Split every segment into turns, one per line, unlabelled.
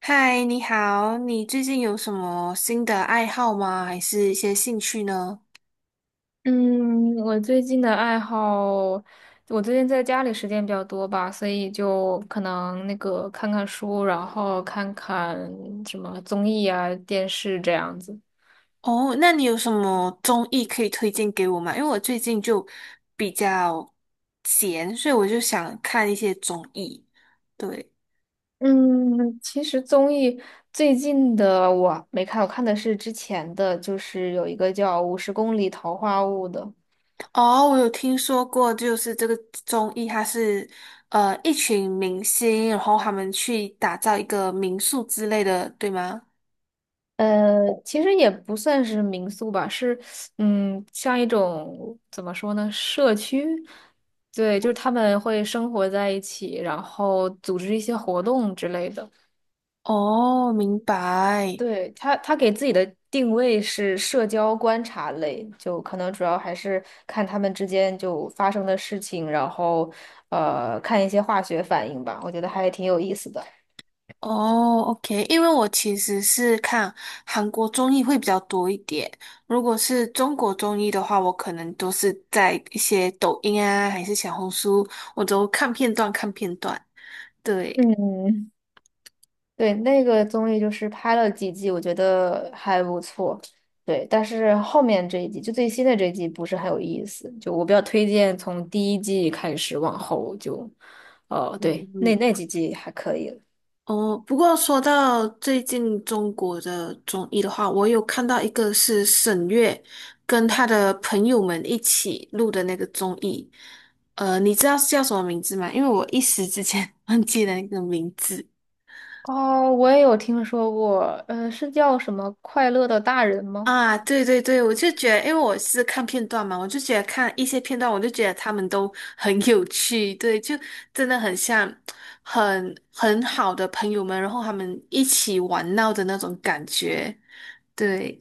嗨，你好，你最近有什么新的爱好吗？还是一些兴趣呢？
嗯，我最近的爱好，我最近在家里时间比较多吧，所以就可能那个看看书，然后看看什么综艺啊、电视这样子。
哦，那你有什么综艺可以推荐给我吗？因为我最近就比较闲，所以我就想看一些综艺。对，
嗯，其实综艺最近的我没看，我看的是之前的，就是有一个叫《五十公里桃花坞》的。
哦，我有听说过，就是这个综艺，它是一群明星，然后他们去打造一个民宿之类的，对吗？
其实也不算是民宿吧，是嗯，像一种怎么说呢，社区。对，就是他们会生活在一起，然后组织一些活动之类的。
哦，明白。
对，他给自己的定位是社交观察类，就可能主要还是看他们之间就发生的事情，然后看一些化学反应吧，我觉得还挺有意思的。
哦，OK，因为我其实是看韩国综艺会比较多一点。如果是中国综艺的话，我可能都是在一些抖音啊，还是小红书，我都看片段看片段。对。
嗯，对，那个综艺就是拍了几季，我觉得还不错。对，但是后面这一季，就最新的这一季不是很有意思。就我比较推荐从第一季开始往后就，哦，
嗯。
对，那那几季还可以了。
哦，不过说到最近中国的综艺的话，我有看到一个是沈月跟她的朋友们一起录的那个综艺，呃，你知道是叫什么名字吗？因为我一时之间 忘记了那个名字。
哦，我也有听说过，是叫什么《快乐的大人》吗？
啊，对对对，我就觉得，因为我是看片段嘛，我就觉得看一些片段，我就觉得他们都 很有趣，对，就真的很像很好的朋友们，然后他们一起玩闹的那种感觉，对。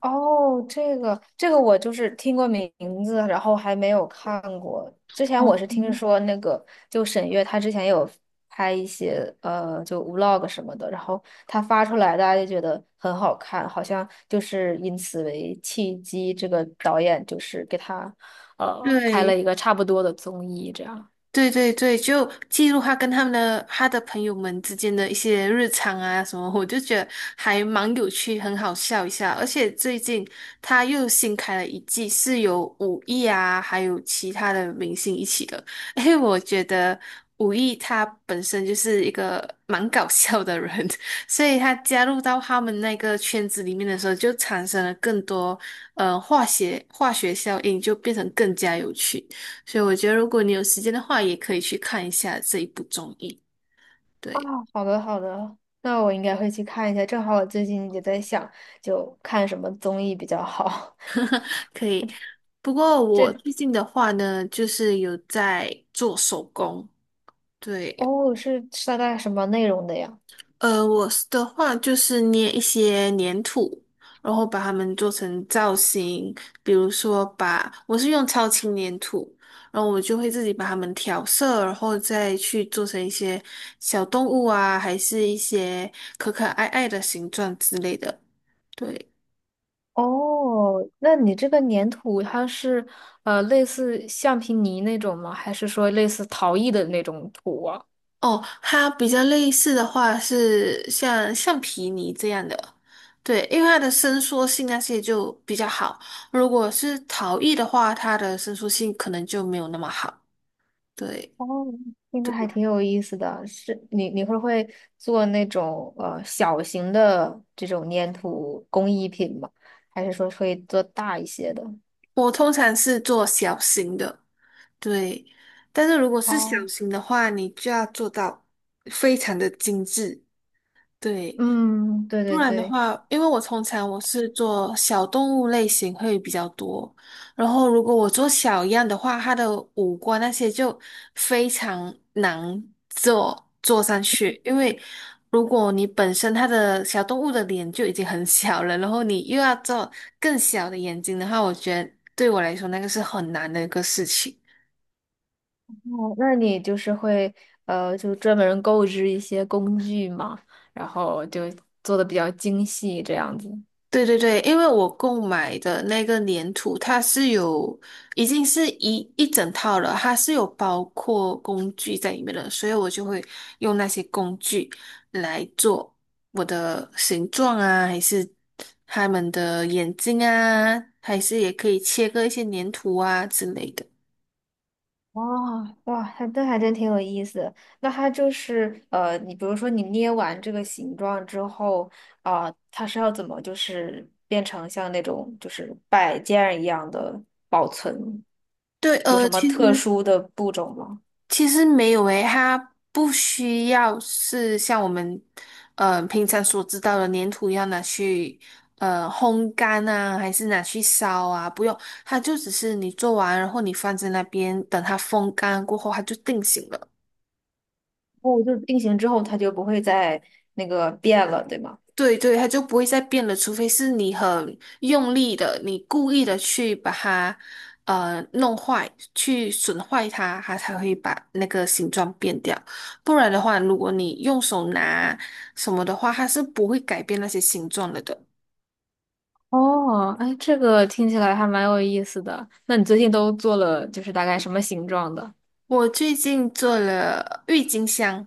哦，这个我就是听过名字，然后还没有看过。之前我
哦，
是听
嗯
说那个，就沈月她之前有拍一些就 vlog 什么的，然后她发出来，大家就觉得很好看，好像就是因此为契机，这个导演就是给她开了
对。
一个差不多的综艺，这样。
对对对，就记录他跟他们的他的朋友们之间的一些日常啊什么，我就觉得还蛮有趣，很好笑一下。而且最近他又新开了一季，是有武艺啊，还有其他的明星一起的。因为我觉得武艺他本身就是一个蛮搞笑的人，所以他加入到他们那个圈子里面的时候，就产生了更多化学效应，就变成更加有趣。所以我觉得，如果你有时间的话，也可以去看一下这一部综艺。
啊，
对。
好的好的，那我应该会去看一下，正好我最近也在想，就看什么综艺比较好。
可以。不过 我
这。
最近的话呢，就是有在做手工。对，
哦，是是大概什么内容的呀？
我是的话就是捏一些粘土，然后把它们做成造型。比如说把，我是用超轻粘土，然后我就会自己把它们调色，然后再去做成一些小动物啊，还是一些可可爱爱的形状之类的。对。
哦，那你这个粘土它是类似橡皮泥那种吗？还是说类似陶艺的那种土啊？
哦，它比较类似的话是像橡皮泥这样的，对，因为它的伸缩性那些就比较好。如果是陶艺的话，它的伸缩性可能就没有那么好。对。
哦，听着还
对，
挺有意思的。是你会不会做那种小型的这种粘土工艺品吗？还是说会做大一些的？
我通常是做小型的，对，但是如果是小
哦，
型的话，你就要做到非常的精致，对。
嗯，对
不
对
然的
对。
话，因为我通常我是做小动物类型会比较多，然后如果我做小样的话，它的五官那些就非常难做上去，因为如果你本身它的小动物的脸就已经很小了，然后你又要做更小的眼睛的话，我觉得对我来说那个是很难的一个事情。
哦，那你就是会就专门购置一些工具嘛，然后就做的比较精细这样子。
对对对，因为我购买的那个粘土，它是有已经是一整套了，它是有包括工具在里面的，所以我就会用那些工具来做我的形状啊，还是他们的眼睛啊，还是也可以切割一些粘土啊之类的。
哇哇，还那还真挺有意思的那它就是你比如说你捏完这个形状之后啊，它是要怎么就是变成像那种就是摆件儿一样的保存？
对，
有什么特殊的步骤吗？
其实没有诶，它不需要是像我们平常所知道的粘土一样拿去烘干啊，还是拿去烧啊，不用，它就只是你做完，然后你放在那边，等它风干过后，它就定型了。
哦，就是定型之后它就不会再那个变了，对吗？
对对，它就不会再变了，除非是你很用力的，你故意的去把它弄坏，去损坏它，它才会把那个形状变掉。不然的话，如果你用手拿什么的话，它是不会改变那些形状了的。
哦，哎，这个听起来还蛮有意思的。那你最近都做了，就是大概什么形状的？
我最近做了郁金香，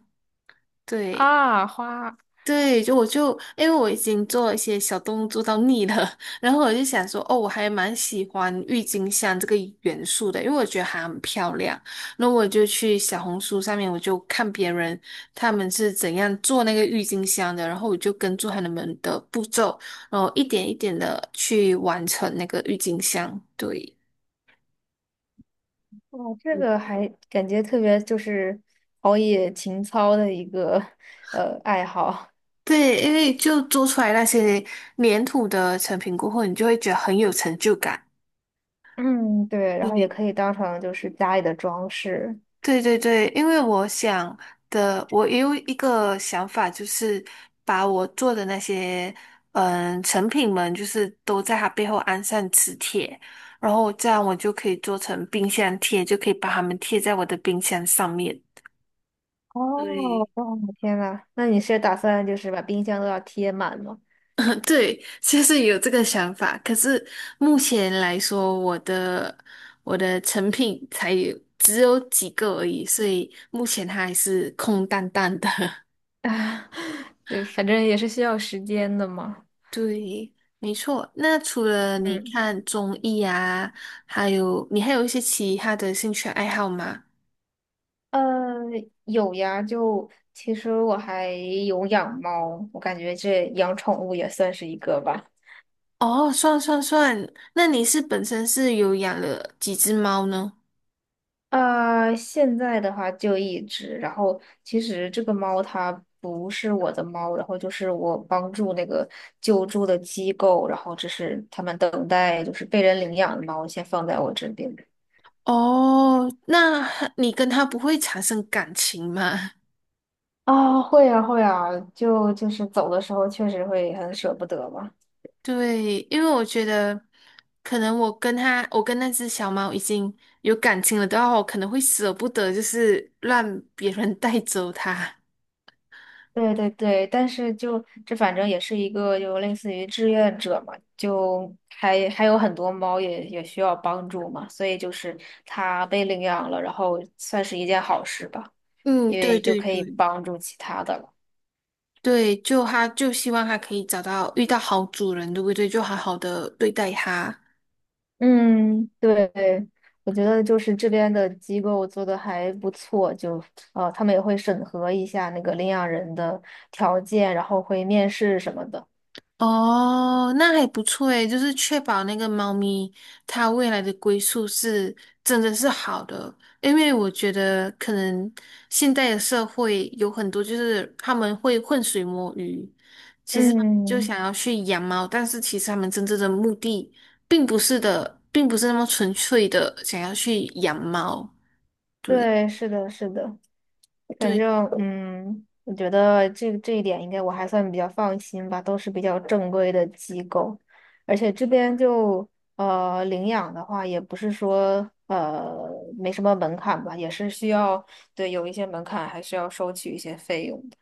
对。
啊，花，
对，就我就因为我已经做一些小动物做到腻了，然后我就想说，哦，我还蛮喜欢郁金香这个元素的，因为我觉得它很漂亮。那我就去小红书上面，我就看别人他们是怎样做那个郁金香的，然后我就跟住他们的步骤，然后一点一点的去完成那个郁金香。对。
哇，这个还感觉特别就是陶冶情操的一个爱好。
对，因为就做出来那些粘土的成品过后，你就会觉得很有成就感。
嗯，对，然后也
对
可以当成就是家里的装饰。
对对对，因为我想的，我也有一个想法，就是把我做的那些嗯成品们，就是都在它背后安上磁铁，然后这样我就可以做成冰箱贴，就可以把它们贴在我的冰箱上面。
哦，
对，
哦，天呐，那你是打算就是把冰箱都要贴满吗？
嗯对，就是有这个想法。可是目前来说，我的成品才有只有几个而已，所以目前它还是空荡荡的。
啊，就反正也是需要时间的嘛。
对，没错。那除了你
嗯。
看综艺啊，还有你还有一些其他的兴趣爱好吗？
呃，有呀，就其实我还有养猫，我感觉这养宠物也算是一个吧。
哦，算算算，那你是本身是有养了几只猫呢？
啊，现在的话就一只，然后其实这个猫它不是我的猫，然后就是我帮助那个救助的机构，然后这是他们等待就是被人领养的猫，先放在我这边。
哦，那你跟它不会产生感情吗？
啊，会呀会呀，就是走的时候确实会很舍不得吧。
对，因为我觉得可能我跟它，我跟那只小猫已经有感情了的话，我可能会舍不得，就是让别人带走它。
对对对，但是就这反正也是一个就类似于志愿者嘛，就还有很多猫也需要帮助嘛，所以就是它被领养了，然后算是一件好事吧，
嗯，
因
对
为就
对
可以
对。
帮助其他的了。
对，就他就希望他可以找到遇到好主人，对不对？就好好的对待它。
嗯，对，我觉得就是这边的机构做的还不错，就他们也会审核一下那个领养人的条件，然后会面试什么的。
哦，那还不错诶，就是确保那个猫咪它未来的归宿是真的是好的，因为我觉得可能现代的社会有很多就是他们会浑水摸鱼，其实他们就
嗯，
想要去养猫，但是其实他们真正的目的并不是的，并不是那么纯粹的想要去养猫。对。
对，是的，是的。反
对。
正嗯，我觉得这一点应该我还算比较放心吧，都是比较正规的机构，而且这边就领养的话，也不是说没什么门槛吧，也是需要对有一些门槛，还是要收取一些费用的。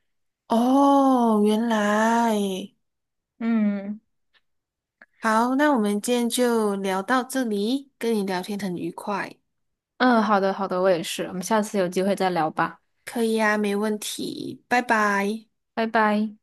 哦，原来，
嗯
好，那我们今天就聊到这里，跟你聊天很愉快，
嗯，好的好的，我也是，我们下次有机会再聊吧，
可以呀，没问题，拜拜。
拜拜。